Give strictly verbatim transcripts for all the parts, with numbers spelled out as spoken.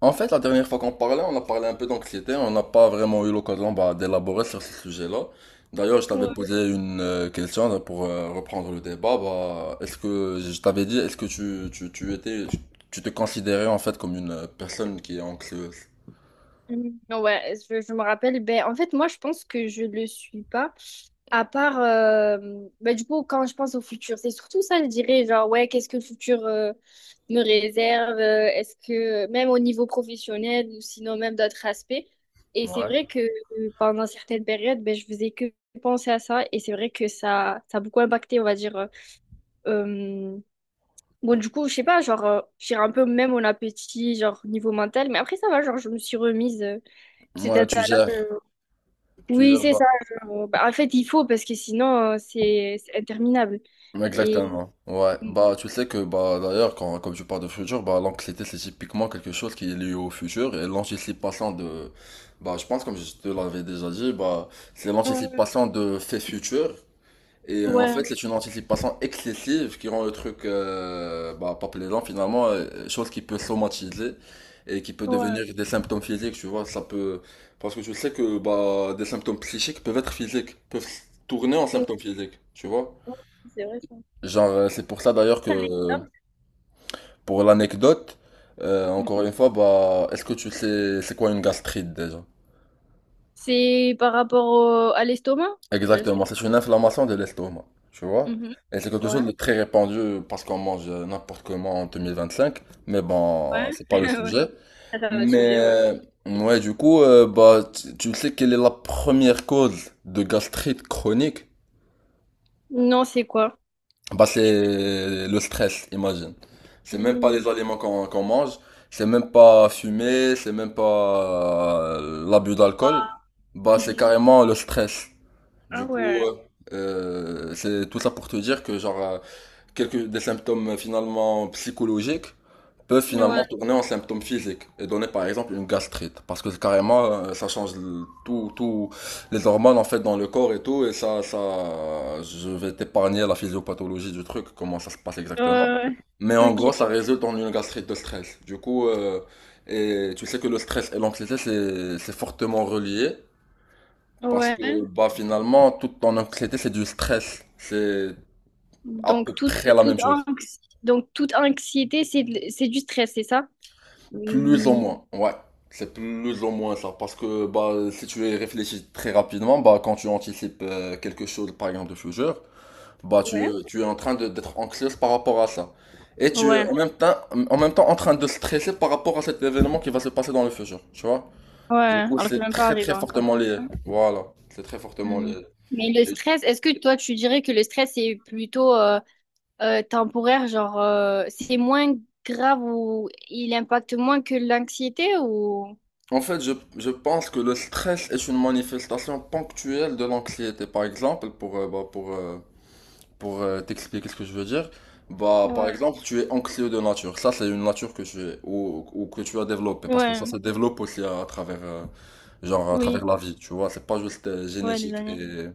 En fait, la dernière fois qu'on parlait, on a parlé un peu d'anxiété, on n'a pas vraiment eu l'occasion bah, d'élaborer sur ce sujet-là. D'ailleurs, je t'avais Ouais. posé une euh, question là, pour euh, reprendre le débat. Bah, est-ce que je t'avais dit, est-ce que tu, tu, tu étais, tu te considérais en fait comme une euh, personne qui est anxieuse? Mm. Ouais, je, je me rappelle. Ben, en fait, moi, je pense que je le suis pas. À part, euh, ben, du coup, quand je pense au futur, c'est surtout ça, je dirais, genre, ouais, qu'est-ce que le futur euh, me réserve? euh, Est-ce que, même au niveau professionnel ou sinon même d'autres aspects. Et c'est Ouais. vrai que euh, pendant certaines périodes, ben, je faisais que penser à ça. Et c'est vrai que ça, ça a beaucoup impacté, on va dire. euh, euh, Bon, du coup, je sais pas, genre, euh, j'ai un peu même mon appétit, genre, niveau mental. Mais après, ça va, genre, je me suis remise. euh, Cet Moi, tu état-là, gères, euh, tu oui, gères. c'est bah, ça. Euh, bah, en fait, il faut parce que sinon, euh, c'est c'est interminable. Et Exactement. Ouais. Bah, tu sais que, bah, d'ailleurs, quand, comme tu parles de futur, bah, l'anxiété, c'est typiquement quelque chose qui est lié au futur et l'anticipation de, bah, je pense, comme je te l'avais déjà dit, bah, c'est Euh, l'anticipation de faits futurs. Et euh, en fait, ouais, c'est une anticipation excessive qui rend le truc, euh, bah, pas plaisant finalement, euh, chose qui peut somatiser et qui peut devenir ouais, des symptômes physiques, tu vois. Ça peut, parce que tu sais que, bah, des symptômes psychiques peuvent être physiques, peuvent tourner en ouais, symptômes physiques, tu vois. c'est vrai ça. Genre, euh, c'est pour ça d'ailleurs que, euh, pour l'anecdote, euh, Non. encore une fois, bah, est-ce que tu sais c'est quoi une gastrite déjà? C'est par rapport au- à l'estomac? Euh, c'est- Exactement, c'est une inflammation de l'estomac, tu vois? Mhm. Et c'est quelque chose de Ouais, très répandu parce qu'on mange euh, n'importe comment en deux mille vingt-cinq, mais ouais, bon, c'est pas le ouais. sujet. Ça, c'est un autre Mais, sujet, ouais. euh, ouais, du coup, euh, bah, tu tu sais quelle est la première cause de gastrite chronique? Non, c'est quoi? Bah, Je peux- c'est le stress, imagine. C'est même pas Hmm, les aliments qu'on qu'on mange, c'est même pas fumer, c'est même pas euh, l'abus d'alcool. Bah, c'est mhm. carrément le stress. Ah Du coup, ouais. euh, euh, c'est tout ça pour te dire que genre, euh, quelques des symptômes euh, finalement psychologiques peuvent finalement Ouais. tourner en symptômes physiques et donner par exemple une gastrite, parce que c'est carrément, euh, ça change le- tout tout les hormones en fait dans le corps et tout. Et ça ça je vais t'épargner la physiopathologie du truc, comment ça se passe exactement, Euh, mais en ok. gros ça résulte en une gastrite de stress du coup. Euh, et tu sais que le stress et l'anxiété, c'est c'est fortement relié, parce que Ouais. bah, finalement, toute ton anxiété, c'est du stress, c'est à peu Donc toute près la toute même chose. anxi- donc toute anxiété, c'est de- c'est du stress, c'est ça? Plus ou moins, ouais. C'est plus ou moins ça. Parce que bah, si tu y réfléchis très rapidement, bah, quand tu anticipes euh, quelque chose, par exemple de futur, bah, tu, Ouais. tu es en train de- d'être anxieuse par rapport à ça. Et tu es Ouais, en même temps, en même temps en train de stresser par rapport à cet événement qui va se passer dans le futur. Tu vois? ouais, Du coup, alors que c'est c'est même pas très arrivé très encore. fortement lié. Voilà. C'est très fortement Hmm. lié. Mais le Et stress, est-ce que toi, tu dirais que le stress est plutôt euh, euh, temporaire, genre euh, c'est moins grave ou il impacte moins que l'anxiété ou… en fait, je, je pense que le stress est une manifestation ponctuelle de l'anxiété. Par exemple, pour, euh, bah, pour, euh, pour euh, t'expliquer ce que je veux dire, bah, par Ouais, exemple, tu es anxieux de nature. Ça, c'est une nature que tu es, ou, ou que tu as développée, parce que ouais, ça se développe aussi à, à travers, euh, genre, à travers oui, la vie, tu vois. C'est pas juste euh, ouais, les génétique années. et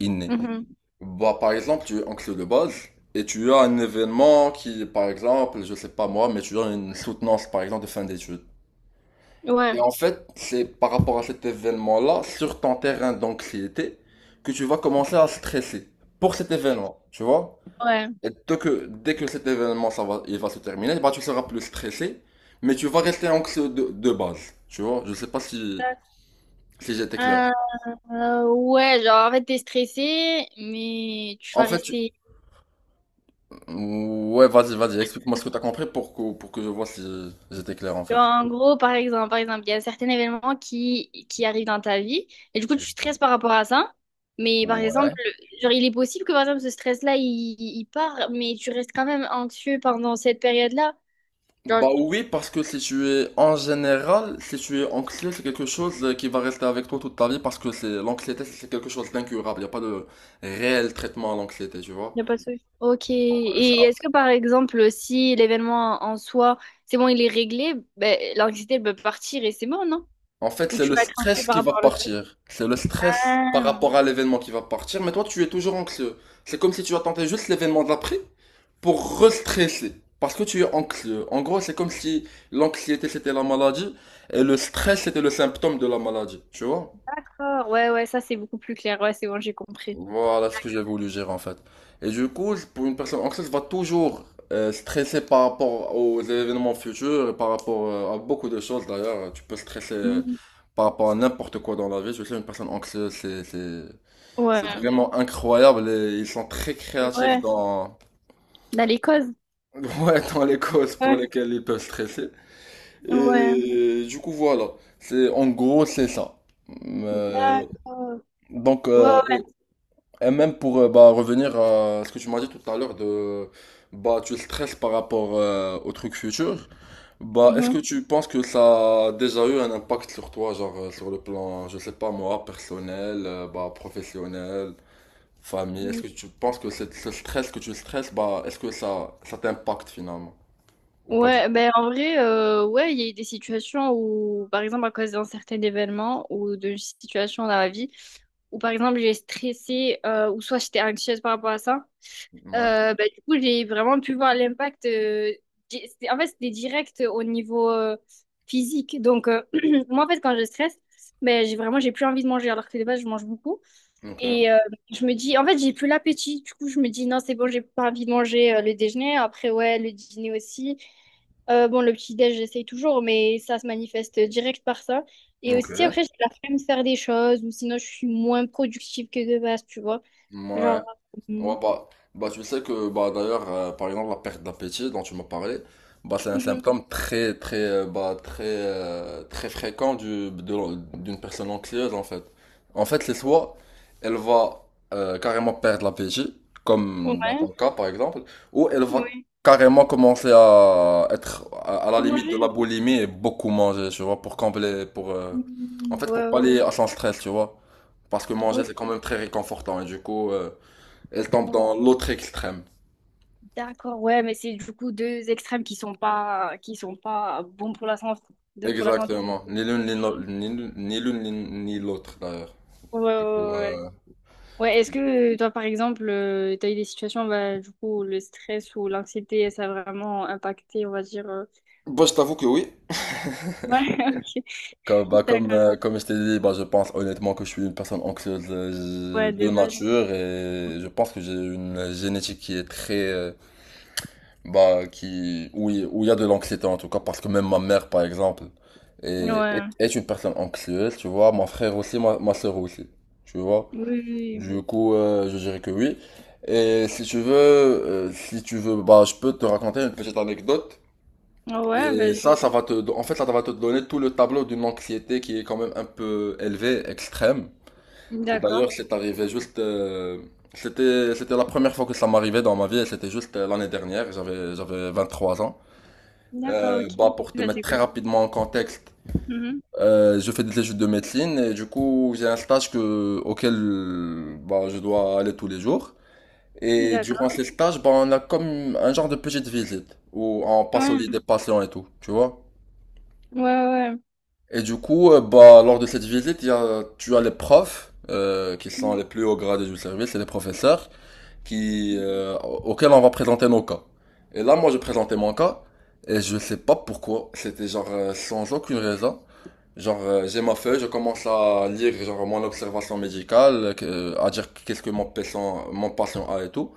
inné. Mhm. Bah, par exemple, tu es anxieux de base, et tu as un événement qui, par exemple, je sais pas moi, mais tu as une soutenance, par exemple, de fin d'études. Et Ouais, en fait, c'est par rapport à cet événement-là, sur ton terrain d'anxiété, que tu vas commencer à stresser pour cet événement, tu vois? ouais. Et dès que, dès que cet événement, ça va, il va se terminer, bah, tu seras plus stressé, mais tu vas rester anxieux de, de base. Tu vois, je sais pas si, si j'étais clair. Euh, euh, ouais, genre en fait, t'es stressé, mais tu En vas fait, tu- rester. ouais, vas-y, vas-y, explique-moi ce que t'as compris pour que, pour que je vois si j'étais clair, en fait. En gros, par exemple, par exemple, il y a certains événements qui, qui arrivent dans ta vie et du coup, tu stresses par rapport à ça. Mais par exemple, genre, il est possible que par exemple, ce stress-là, il, il part, mais tu restes quand même anxieux pendant cette période-là. Genre, Bah oui, parce que si tu es, en général, si tu es anxieux, c'est quelque chose euh, qui va rester avec toi toute ta vie, parce que c'est, l'anxiété, c'est quelque chose d'incurable. Il n'y a pas de réel traitement à l'anxiété, tu il vois. n'y a pas de souci. Ok. Et est-ce que par exemple, si l'événement en soi, c'est bon, il est réglé, ben, l'anxiété, elle peut partir et c'est bon, non? En fait, Ou c'est tu le vas être anxieux stress par qui va rapport à l'autre truc? partir. C'est le stress par Ah, rapport à l'événement qui va partir. Mais toi, tu es toujours anxieux. C'est comme si tu attendais juste l'événement d'après pour restresser. Parce que tu es anxieux. En gros, c'est comme si l'anxiété c'était la maladie et le stress c'était le symptôme de la maladie. Tu vois? d'accord. Ouais, ouais, ça, c'est beaucoup plus clair. Ouais, c'est bon, j'ai compris. Voilà ce que j'ai voulu dire en fait. Et du coup, pour une personne anxieuse, va toujours euh, stresser par rapport aux événements futurs et par rapport euh, à beaucoup de choses d'ailleurs. Tu peux stresser euh, Mhm. par rapport à n'importe quoi dans la vie. Je sais, une personne anxieuse, c'est, c'est, c'est Ouais. vraiment incroyable, et ils sont très créatifs Ouais. dans, Dans les causes. ouais, dans les causes pour Ouais, lesquelles ils peuvent stresser. ouais, Et du coup, voilà. C'est, en gros, c'est ça. Euh, d'accord. donc, Ouais, euh, ouais. et même pour, euh, bah, revenir à ce que tu m'as dit tout à l'heure de bah tu stresses par rapport euh, au truc futur, bah est-ce Mhm, que tu penses que ça a déjà eu un impact sur toi, genre, euh, sur le plan, je sais pas moi, personnel, euh, bah professionnel, famille, est-ce mhm. que tu penses que cette- ce stress que tu stresses, bah est-ce que ça ça t'impacte finalement, ou pas du tout? Ouais, ben en vrai, euh, ouais, il y a eu des situations où, par exemple, à cause d'un certain événement ou d'une situation dans la vie, où par exemple j'ai stressé euh, ou soit j'étais anxieuse par rapport à ça, Ouais. euh, ben, du coup j'ai vraiment pu voir l'impact. euh, di- c'était- en fait, c'était direct au niveau euh, physique. Donc, euh, moi en fait, quand je stresse, ben, j'ai vraiment j'ai plus envie de manger alors que de base je mange beaucoup. Ok. Et euh, je me dis, en fait, j'ai plus l'appétit. Du coup, je me dis, non, c'est bon, j'ai pas envie de manger euh, le déjeuner. Après, ouais, le dîner aussi. Euh, bon, le petit-déj, j'essaye toujours, mais ça se manifeste direct par ça. Et Ok. aussi, après, j'ai la flemme de faire des choses, ou sinon, je suis moins productive que de base, tu vois. Ouais. Genre, Ouais, euh, bah, bah, tu sais que, bah, d'ailleurs, euh, par exemple, la perte d'appétit dont tu m'as parlé, bah, c'est un mhm. symptôme très, très, euh, bah, très, euh, très fréquent du, de- d'une personne anxieuse, en fait. En fait, c'est soit elle va euh, carrément perdre l'appétit, comme dans Ouais, ton cas, par exemple, ou elle va ouais. carrément commencer à être à, à la Pour limite de la manger. boulimie et beaucoup manger, tu vois, pour combler, pour, euh, en Mhm, fait, ouais, pour ouais. pallier à son stress, tu vois. Parce que manger, c'est quand Ok, même très réconfortant, et du coup, euh, elle tombe bon, dans l'autre extrême. d'accord, ouais, mais c'est du coup deux extrêmes qui sont pas, qui sont pas bons pour la santé. De, pour la santé. Exactement. Ni l'une ni l'autre- ni l'une- ni l'une, ni- ni l'autre d'ailleurs. Ouais, ouais, Du coup, ouais. euh, Ouais, est-ce que euh, toi, par exemple, euh, t'as eu des situations, bah, du coup, où le stress ou l'anxiété, ça a vraiment impacté, on va dire. euh, bah, je t'avoue que oui. Ouais, Comme, ok. bah, comme, D'accord. euh, comme je t'ai dit, bah, je pense honnêtement que je suis une personne anxieuse euh, Ouais, de de base. nature, et je pense que j'ai une génétique qui est très, euh, bah, qui, où il où il y a de l'anxiété en tout cas, parce que même ma mère, par exemple, est, est, Ouais. est une personne anxieuse, tu vois, mon frère aussi, ma, ma soeur aussi, tu vois. Oui, oui, Du coup, euh, je dirais que oui. Et si tu veux, euh, si tu veux, bah, je peux te raconter une petite anecdote. oui. Ouais, Et vas-y. ça, ça va te, en fait, ça va te donner tout le tableau d'une anxiété qui est quand même un peu élevée, extrême. Et D'accord. d'ailleurs, c'est arrivé juste, euh, c'était, c'était la première fois que ça m'arrivait dans ma vie, et c'était juste euh, l'année dernière, j'avais, j'avais vingt trois ans. D'accord, Euh, ok. Bah, pour te Bah, mettre c'est très cool. rapidement en contexte, Mhm. euh, je fais des études de médecine, et du coup, j'ai un stage que, auquel, bah, je dois aller tous les jours. Et durant ces D'accord. stages, bah, on a comme un genre de petite visite où on passe au Ouais. lit des patients et tout, tu vois. Ouais, ouais. Et du coup, euh, bah, lors de cette visite, il y a, tu as les profs euh, qui sont Mhm. les plus hauts gradés du service et les professeurs qui, euh, auxquels on va présenter nos cas. Et là, moi, je présentais mon cas, et je sais pas pourquoi, c'était genre, euh, sans aucune raison. Genre, euh, j'ai ma feuille, je commence à lire genre, mon observation médicale, que- euh, à dire qu'est-ce que mon patient, mon patient a et tout.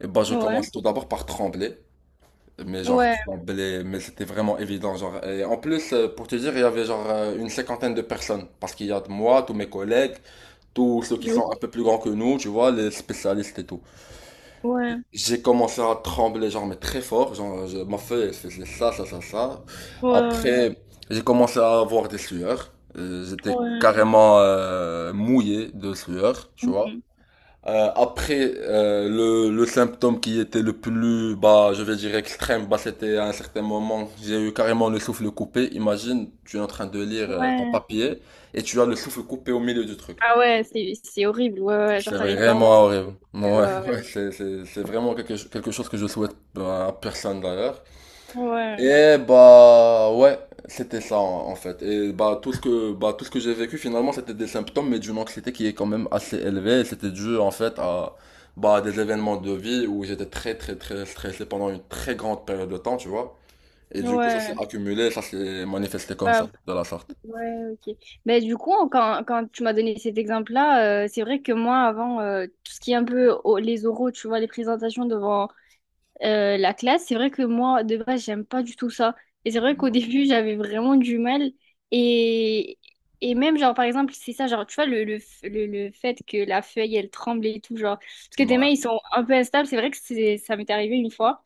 Et bah, je Ouais. commence tout d'abord par trembler. Mais genre, Ouais. trembler, mais c'était vraiment évident. Genre. Et en plus, euh, pour te dire, il y avait genre, euh, une cinquantaine de personnes. Parce qu'il y a de moi, tous mes collègues, tous ceux qui Ouais. sont un peu plus grands que nous, tu vois, les spécialistes et tout. Ouais. J'ai commencé à trembler, genre, mais très fort. Genre, je- ma feuille, elle faisait ça, ça, ça, ça. Ouais. Après, j'ai commencé à avoir des sueurs. Euh, J'étais Ouais. carrément euh, mouillé de sueur, tu vois. Mhm. Euh, après, euh, le, le symptôme qui était le plus, bah, je vais dire extrême, bah, c'était à un certain moment, j'ai eu carrément le souffle coupé. Imagine, tu es en train de lire euh, ton Ouais. papier et tu as le souffle coupé au milieu du truc. Ah ouais, c'est, c'est horrible. Ouais, ouais. Genre, C'est t'arrives pas à vraiment respirer. horrible. Ouais, Ouais, ouais, c'est, c'est, c'est vraiment quelque, cho- quelque chose que je souhaite bah, à personne d'ailleurs. ouais. Ouais. Et bah ouais, c'était ça en en fait. Et bah, tout ce que bah tout ce que j'ai vécu finalement, c'était des symptômes mais d'une anxiété qui est quand même assez élevée. Et c'était dû en fait à bah des événements de vie où j'étais très très très stressé pendant une très grande période de temps, tu vois. Et du coup ça s'est Ouais. accumulé, ça s'est manifesté Ouais, comme ça, de la sorte. ouais, ok. Mais du coup, quand, quand tu m'as donné cet exemple-là, euh, c'est vrai que moi, avant, euh, tout ce qui est un peu au- les oraux, tu vois, les présentations devant euh, la classe, c'est vrai que moi, de base, j'aime pas du tout ça. Et c'est vrai qu'au début, j'avais vraiment du mal. Et, et même, genre, par exemple, c'est ça, genre, tu vois, le, le, f- le, le fait que la feuille, elle tremble et tout, genre, parce que tes mains, Ouais. ils sont un peu instables, c'est vrai que c'est, ça m'est arrivé une fois.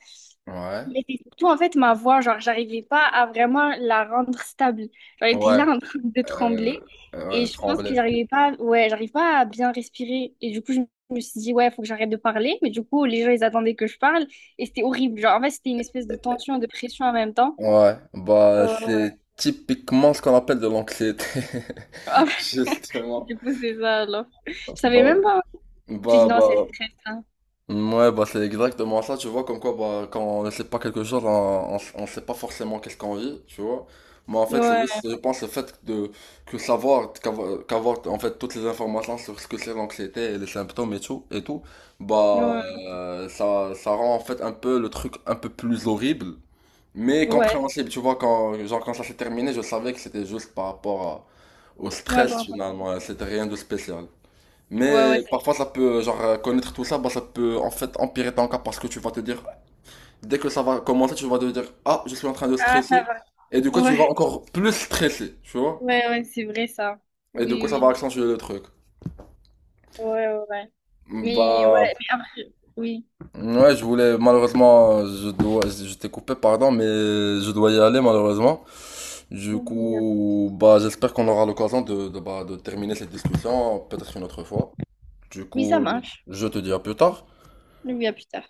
Ouais. Mais c'est surtout en fait ma voix, genre j'arrivais pas à vraiment la rendre stable. Genre, elle était Ouais. là en train de Euh, trembler euh, et ouais, je pense que trembler. j'arrivais pas, ouais, j'arrive pas à bien respirer. Et du coup, je me suis dit, ouais, faut que j'arrête de parler. Mais du coup, les gens, ils attendaient que je parle et c'était horrible. Genre, en fait, c'était une espèce de tension et de pression en même temps. Ouais, bah Euh, ouais. c'est typiquement ce qu'on appelle de l'anxiété, justement. Du coup, c'est ça alors. Je savais Bah, même pas. J'ai dit, bah, non, c'est Bah, le stress, hein. ouais, bah c'est exactement ça, tu vois, comme quoi, bah, quand on ne sait pas quelque chose, on, on, on sait pas forcément qu'est-ce qu'on vit, tu vois. Mais en fait, c'est Ouais, juste, je pense, le fait de, que savoir, qu'avoir, qu'avoir, en fait, toutes les informations sur ce que c'est l'anxiété et les symptômes et tout, et tout, bah, ouais, euh, ça, ça rend en fait un peu le truc un peu plus horrible. Mais ouais, compréhensible, tu vois, quand, genre, quand ça s'est terminé, je savais que c'était juste par rapport à- au ouais, stress bon, bon. finalement, c'était rien de spécial. Ouais, ouais, Mais c'est- parfois ça peut, genre, euh, connaître tout ça, bah, ça peut en fait empirer ton cas parce que tu vas te dire, dès que ça va commencer, tu vas te dire, ah, je suis en train de ah, ça stresser, va. et du coup tu Ouais, vas encore plus stresser, tu vois, ouais, ouais, c'est vrai ça. et du coup ça Oui, va accentuer le truc. oui. Ouais, ouais, ouais. Mais Bah, ouais, mais après, oui. ouais, je voulais, malheureusement, je dois, je t'ai coupé, pardon, mais je dois y aller malheureusement. Du Oui, oui, euh, coup, bah, j'espère qu'on aura l'occasion de, de, bah, de terminer cette discussion, peut-être une autre fois. Du oui, ça coup, marche. je te dis à plus tard. Oui, à plus tard.